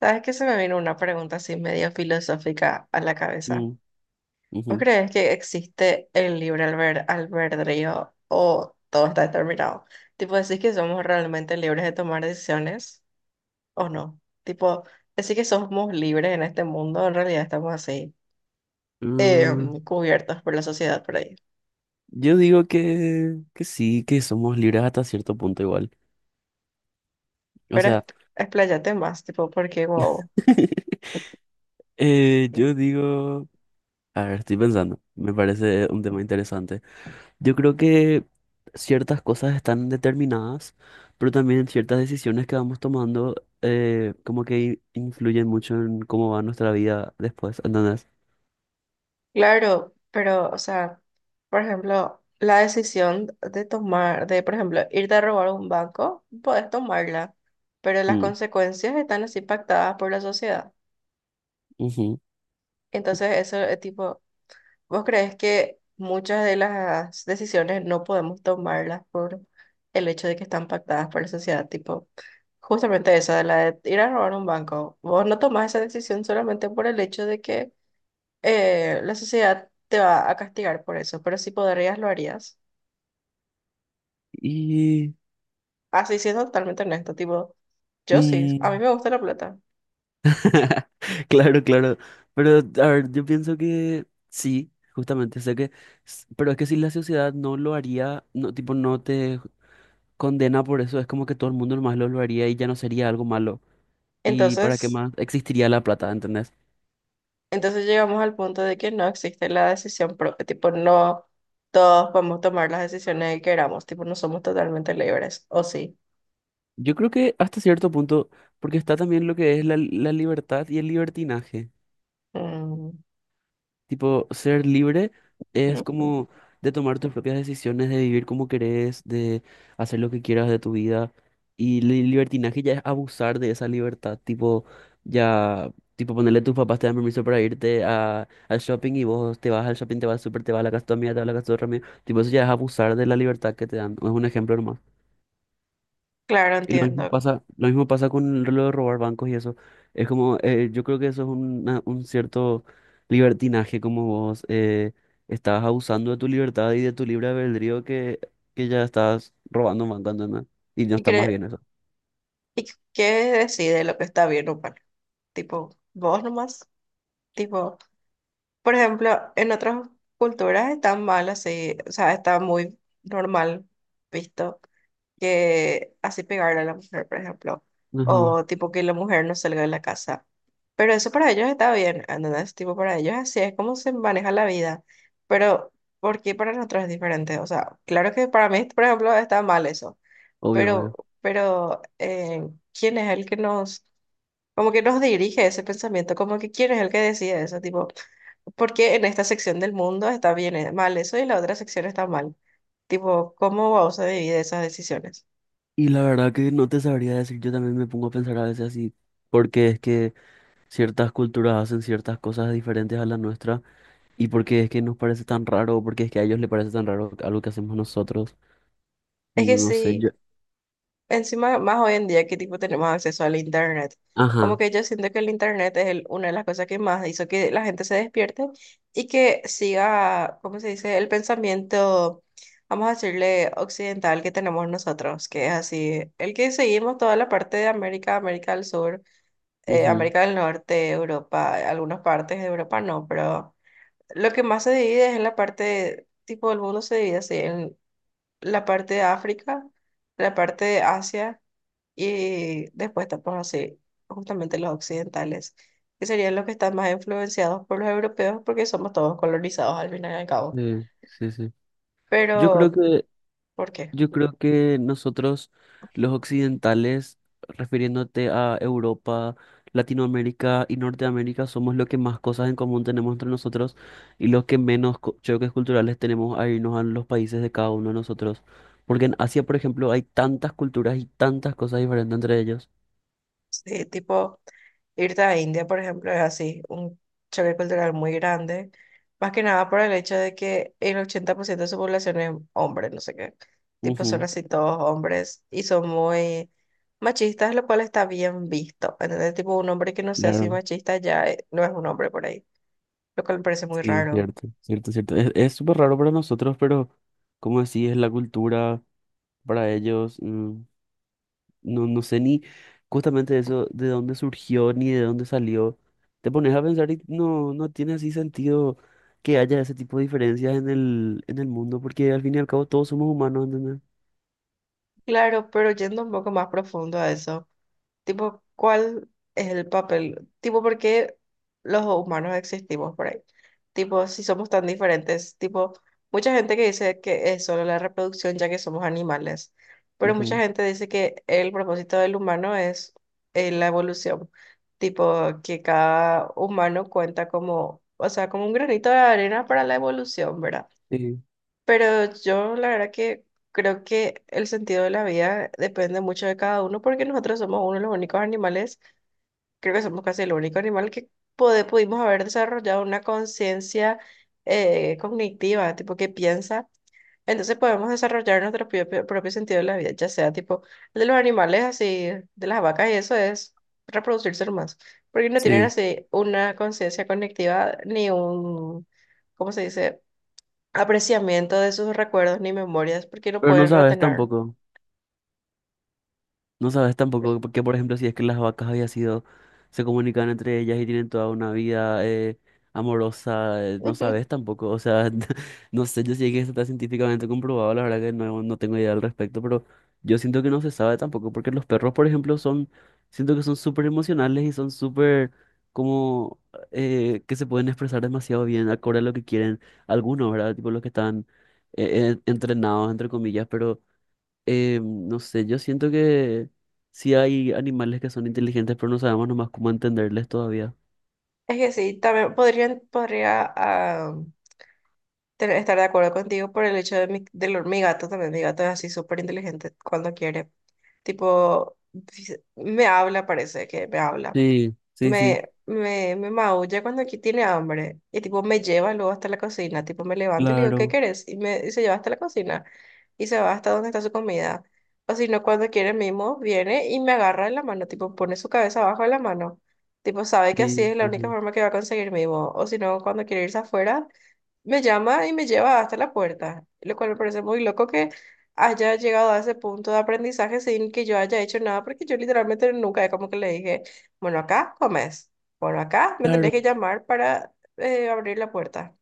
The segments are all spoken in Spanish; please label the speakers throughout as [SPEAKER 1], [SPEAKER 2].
[SPEAKER 1] ¿Sabes que se me vino una pregunta así medio filosófica a la cabeza?
[SPEAKER 2] Mm,
[SPEAKER 1] ¿Vos
[SPEAKER 2] ujú.
[SPEAKER 1] crees que existe el albedrío o todo está determinado? Tipo, ¿decís que somos realmente libres de tomar decisiones o no? Tipo, ¿decís que somos libres en este mundo? En realidad estamos así,
[SPEAKER 2] Mm,
[SPEAKER 1] cubiertos por la sociedad por ahí.
[SPEAKER 2] yo digo que, sí, que somos libres hasta cierto punto igual. O
[SPEAKER 1] Pero es-
[SPEAKER 2] sea,
[SPEAKER 1] Expláyate más, tipo, porque wow.
[SPEAKER 2] yo digo, a ver, estoy pensando, me parece un tema interesante. Yo creo que ciertas cosas están determinadas, pero también ciertas decisiones que vamos tomando como que influyen mucho en cómo va nuestra vida después, ¿entendés?
[SPEAKER 1] Claro, pero, o sea, por ejemplo, la decisión de tomar, de, por ejemplo, irte a robar un banco, puedes tomarla, pero las
[SPEAKER 2] Mm,
[SPEAKER 1] consecuencias están así pactadas por la sociedad.
[SPEAKER 2] ujú.
[SPEAKER 1] Entonces, eso es tipo, ¿vos crees que muchas de las decisiones no podemos tomarlas por el hecho de que están pactadas por la sociedad? Tipo, justamente esa, de la de ir a robar un banco. Vos no tomás esa decisión solamente por el hecho de que la sociedad te va a castigar por eso, pero si podrías, lo harías.
[SPEAKER 2] Y...
[SPEAKER 1] Así siendo totalmente honesto, tipo, yo sí, a mí
[SPEAKER 2] mm,
[SPEAKER 1] me gusta la plata.
[SPEAKER 2] Claro, claro. Pero, a ver, yo pienso que sí, justamente, sé que, pero es que si la sociedad no lo haría, no, tipo, no te condena por eso, es como que todo el mundo nomás lo haría y ya no sería algo malo. ¿Y para qué
[SPEAKER 1] Entonces,
[SPEAKER 2] más existiría la plata, entendés?
[SPEAKER 1] entonces, llegamos al punto de que no existe la decisión propia, tipo, no todos podemos tomar las decisiones que queramos, tipo, no somos totalmente libres, ¿o sí?
[SPEAKER 2] Yo creo que hasta cierto punto, porque está también lo que es la libertad y el libertinaje.
[SPEAKER 1] Mm,
[SPEAKER 2] Tipo, ser libre es
[SPEAKER 1] mm,
[SPEAKER 2] como de tomar tus propias decisiones, de vivir como querés, de hacer lo que quieras de tu vida. Y el libertinaje ya es abusar de esa libertad. Tipo, ya, tipo, ponerle a tus papás te dan permiso para irte a, al shopping y vos te vas al shopping, te vas al súper, te vas a la casa de tu amiga, te vas a la casa de otra amiga. Tipo, eso ya es abusar de la libertad que te dan. Es un ejemplo nomás.
[SPEAKER 1] claro,
[SPEAKER 2] Y
[SPEAKER 1] entiendo.
[SPEAKER 2] lo mismo pasa con lo de robar bancos y eso. Es como, yo creo que eso es un cierto libertinaje, como vos estás abusando de tu libertad y de tu libre albedrío que ya estás robando un banco, ¿entendés? Y no
[SPEAKER 1] ¿Y,
[SPEAKER 2] está más
[SPEAKER 1] cre-
[SPEAKER 2] bien eso.
[SPEAKER 1] y qué decide lo que está bien o mal? Tipo, vos nomás, tipo... Por ejemplo, en otras culturas está mal así, o sea, está muy normal visto que así pegarle a la mujer, por ejemplo,
[SPEAKER 2] Ajá,
[SPEAKER 1] o tipo que la mujer no salga de la casa. Pero eso para ellos está bien, ¿entendés? Tipo, para ellos así es como se maneja la vida. Pero, ¿por qué para nosotros es diferente? O sea, claro que para mí, por ejemplo, está mal eso,
[SPEAKER 2] obvio,
[SPEAKER 1] pero,
[SPEAKER 2] obvio.
[SPEAKER 1] pero ¿quién es el que nos, como que nos dirige ese pensamiento? Como que ¿quién es el que decide eso? Tipo... Porque en esta sección del mundo está bien, mal eso y la otra sección está mal. Tipo, ¿cómo vamos a dividir esas decisiones?
[SPEAKER 2] Y la verdad que no te sabría decir, yo también me pongo a pensar a veces así, porque es que ciertas culturas hacen ciertas cosas diferentes a la nuestra y porque es que nos parece tan raro, o porque es que a ellos les parece tan raro algo que hacemos nosotros.
[SPEAKER 1] Es que
[SPEAKER 2] No sé,
[SPEAKER 1] sí,
[SPEAKER 2] yo,
[SPEAKER 1] encima más hoy en día que tipo tenemos acceso al internet. Como
[SPEAKER 2] Ajá.
[SPEAKER 1] que yo siento que el internet es una de las cosas que más hizo que la gente se despierte y que siga, ¿cómo se dice? El pensamiento, vamos a decirle, occidental que tenemos nosotros, que es así, el que seguimos toda la parte de América, América del Sur
[SPEAKER 2] ujú,
[SPEAKER 1] América del Norte, Europa, algunas partes de Europa no, pero lo que más se divide es en la parte, tipo el mundo se divide así, en la parte de África, la parte de Asia y después estamos así, justamente los occidentales, que serían los que están más influenciados por los europeos porque somos todos colonizados al final y al cabo.
[SPEAKER 2] Sí, sí, sí. Yo creo
[SPEAKER 1] Pero,
[SPEAKER 2] que,
[SPEAKER 1] ¿por qué?
[SPEAKER 2] yo creo que nosotros, los occidentales, refiriéndote a Europa, Latinoamérica y Norteamérica, somos los que más cosas en común tenemos entre nosotros y los que menos choques culturales tenemos a irnos a los países de cada uno de nosotros. Porque en Asia, por ejemplo, hay tantas culturas y tantas cosas diferentes entre ellos.
[SPEAKER 1] Sí, tipo... Irte a India, por ejemplo, es así, un choque cultural muy grande, más que nada por el hecho de que el 80% de su población es hombre, no sé qué, tipo son
[SPEAKER 2] Ujú,
[SPEAKER 1] así todos hombres y son muy machistas, lo cual está bien visto, ¿entendés? Tipo un hombre que no sea así
[SPEAKER 2] Claro,
[SPEAKER 1] machista ya no es un hombre por ahí, lo cual me parece muy
[SPEAKER 2] sí,
[SPEAKER 1] raro.
[SPEAKER 2] cierto, cierto, cierto. Es súper raro para nosotros, pero como decís, es la cultura, para ellos. No, no sé ni justamente eso, de dónde surgió ni de dónde salió. Te pones a pensar y no, no tiene así sentido que haya ese tipo de diferencias en en el mundo, porque al fin y al cabo todos somos humanos, ¿entendés?
[SPEAKER 1] Claro, pero yendo un poco más profundo a eso. Tipo, ¿cuál es el papel? Tipo, ¿por qué los humanos existimos por ahí? Tipo, si somos tan diferentes. Tipo, mucha gente que dice que es solo la reproducción ya que somos animales. Pero mucha
[SPEAKER 2] Ujú.
[SPEAKER 1] gente dice que el propósito del humano es la evolución. Tipo, que cada humano cuenta como, o sea, como un granito de arena para la evolución, ¿verdad?
[SPEAKER 2] Sí.
[SPEAKER 1] Pero yo la verdad que creo que el sentido de la vida depende mucho de cada uno porque nosotros somos uno de los únicos animales, creo que somos casi el único animal que pudimos haber desarrollado una conciencia cognitiva, tipo que piensa. Entonces podemos desarrollar nuestro propio sentido de la vida, ya sea tipo el de los animales así, de las vacas y eso es reproducirse más, porque no tienen
[SPEAKER 2] Sí,
[SPEAKER 1] así una conciencia cognitiva ni un, ¿cómo se dice? Apreciamiento de sus recuerdos ni memorias porque no
[SPEAKER 2] pero no
[SPEAKER 1] pueden
[SPEAKER 2] sabes
[SPEAKER 1] retener.
[SPEAKER 2] tampoco. No sabes tampoco que, por ejemplo, si es que las vacas había sido, se comunican entre ellas y tienen toda una vida amorosa, no sabes tampoco. O sea, no sé, yo sé que esto está científicamente comprobado, la verdad que no, no tengo idea al respecto, pero yo siento que no se sabe tampoco, porque los perros, por ejemplo, son, siento que son súper emocionales y son súper como que se pueden expresar demasiado bien, acorde a lo que quieren algunos, ¿verdad? Tipo los que están entrenados, entre comillas, pero... no sé, yo siento que sí hay animales que son inteligentes, pero no sabemos nomás cómo entenderles todavía.
[SPEAKER 1] Es que sí, también podrían, podría ah, estar de acuerdo contigo por el hecho de mi, de mi gato también. Mi gato es así súper inteligente cuando quiere. Tipo, me habla, parece que me habla.
[SPEAKER 2] Sí, sí, sí,
[SPEAKER 1] Me, me maulla cuando aquí tiene hambre y tipo me lleva luego hasta la cocina, tipo me levanto y le digo, ¿qué
[SPEAKER 2] claro,
[SPEAKER 1] querés? Y, me, y se lleva hasta la cocina y se va hasta donde está su comida. O si no, cuando quiere mismo, viene y me agarra de la mano, tipo pone su cabeza abajo de la mano. Tipo sabe que así
[SPEAKER 2] sí,
[SPEAKER 1] es la única
[SPEAKER 2] ujú,
[SPEAKER 1] forma que va a conseguir mimo. O si no, cuando quiere irse afuera, me llama y me lleva hasta la puerta, lo cual me parece muy loco que haya llegado a ese punto de aprendizaje sin que yo haya hecho nada, porque yo literalmente nunca, es como que le dije, bueno, acá comes, bueno, acá me tenés
[SPEAKER 2] claro,
[SPEAKER 1] que llamar para abrir la puerta.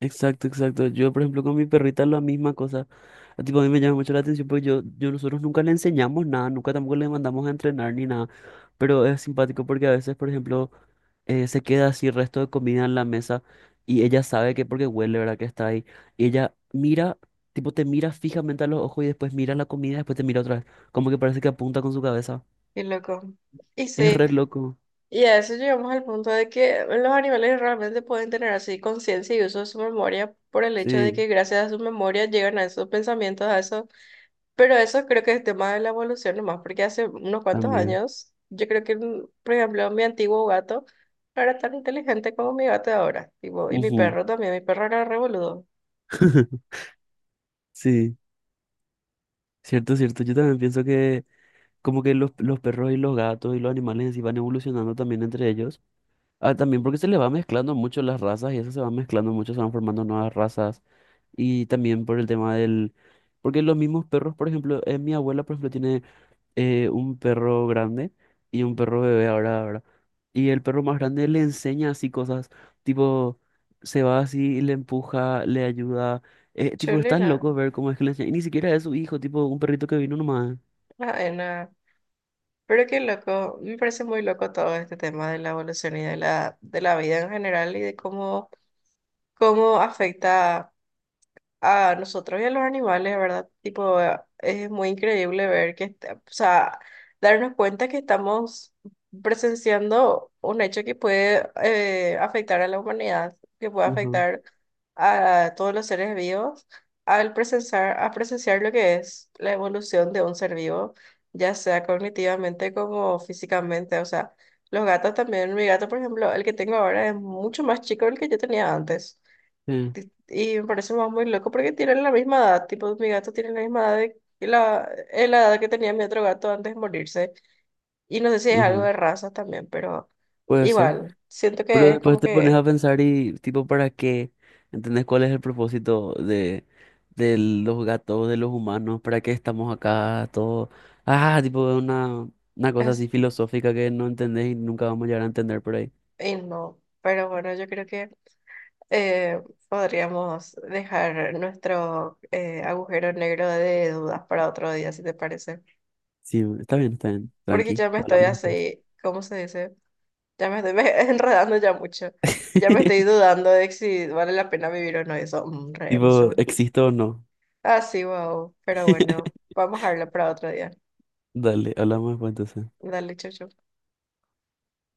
[SPEAKER 2] exacto, exacto. Yo, por ejemplo, con mi perrita la misma cosa. A, tipo, a mí me llama mucho la atención porque yo nosotros nunca le enseñamos nada, nunca tampoco le mandamos a entrenar ni nada, pero es simpático porque a veces, por ejemplo, se queda así el resto de comida en la mesa y ella sabe que porque huele, ¿verdad? Que está ahí. Y ella mira, tipo te mira fijamente a los ojos y después mira la comida después te mira otra vez. Como que parece que apunta con su cabeza.
[SPEAKER 1] Y loco. Y
[SPEAKER 2] Es
[SPEAKER 1] sí,
[SPEAKER 2] re loco.
[SPEAKER 1] y a eso llegamos al punto de que los animales realmente pueden tener así conciencia y uso de su memoria por el hecho de
[SPEAKER 2] Sí,
[SPEAKER 1] que gracias a su memoria llegan a esos pensamientos, a esos. Pero eso creo que es tema de la evolución nomás, porque hace unos cuantos
[SPEAKER 2] también.
[SPEAKER 1] años, yo creo que, mm, por ejemplo, mi antiguo gato no era tan inteligente como mi gato de ahora, tipo, y mi
[SPEAKER 2] Ujú.
[SPEAKER 1] perro también, mi perro era re boludo,
[SPEAKER 2] Sí, cierto, cierto. Yo también pienso que como que los perros y los gatos y los animales en sí van evolucionando también entre ellos. Ah, también porque se les va mezclando mucho las razas y eso se va mezclando mucho, se van formando nuevas razas. Y también por el tema del... Porque los mismos perros, por ejemplo, mi abuela, por ejemplo, tiene un perro grande y un perro bebé ahora, ahora. Y el perro más grande le enseña así cosas, tipo, se va así, y le empuja, le ayuda. Tipo, estás
[SPEAKER 1] chulina,
[SPEAKER 2] loco ver cómo es que le enseña. Y ni siquiera es su hijo, tipo, un perrito que vino nomás.
[SPEAKER 1] nada. Pero qué loco, me parece muy loco todo este tema de la evolución y de la vida en general y de cómo, cómo afecta a nosotros y a los animales, ¿verdad? Tipo, es muy increíble ver que, o sea, darnos cuenta que estamos presenciando un hecho que puede afectar a la humanidad, que puede
[SPEAKER 2] Ujú,
[SPEAKER 1] afectar a todos los seres vivos, a presenciar lo que es la evolución de un ser vivo, ya sea cognitivamente como físicamente, o sea, los gatos también, mi gato, por ejemplo, el que tengo ahora es mucho más chico del que yo tenía antes.
[SPEAKER 2] sí,
[SPEAKER 1] Y me parece más muy loco porque tienen la misma edad, tipo mi gato tiene la misma edad de, que la, la edad que tenía mi otro gato antes de morirse. Y no sé si es algo
[SPEAKER 2] ujú,
[SPEAKER 1] de razas también, pero
[SPEAKER 2] puede ser.
[SPEAKER 1] igual, siento
[SPEAKER 2] Pero
[SPEAKER 1] que es
[SPEAKER 2] después
[SPEAKER 1] como
[SPEAKER 2] te pones a
[SPEAKER 1] que
[SPEAKER 2] pensar y, tipo, ¿para qué? ¿Entendés cuál es el propósito de los gatos, de los humanos? ¿Para qué estamos acá? Todo. Ah, tipo, una cosa
[SPEAKER 1] es,
[SPEAKER 2] así filosófica que no entendés y nunca vamos a llegar a entender por ahí.
[SPEAKER 1] y no, pero bueno, yo creo que eh, podríamos dejar nuestro agujero negro de dudas para otro día, si te parece.
[SPEAKER 2] Sí, está bien, está bien.
[SPEAKER 1] Porque
[SPEAKER 2] Tranqui,
[SPEAKER 1] ya me estoy
[SPEAKER 2] hablamos después.
[SPEAKER 1] así, ¿cómo se dice? Ya me estoy enredando ya mucho. Y ya me estoy dudando de si vale la pena vivir o no. Eso, mm, re
[SPEAKER 2] Tipo,
[SPEAKER 1] emocionante.
[SPEAKER 2] ¿existo o no?
[SPEAKER 1] Ah, sí, wow. Pero bueno, vamos a hablar para otro día.
[SPEAKER 2] Dale, hablamos después entonces.
[SPEAKER 1] Dale, chau, chau.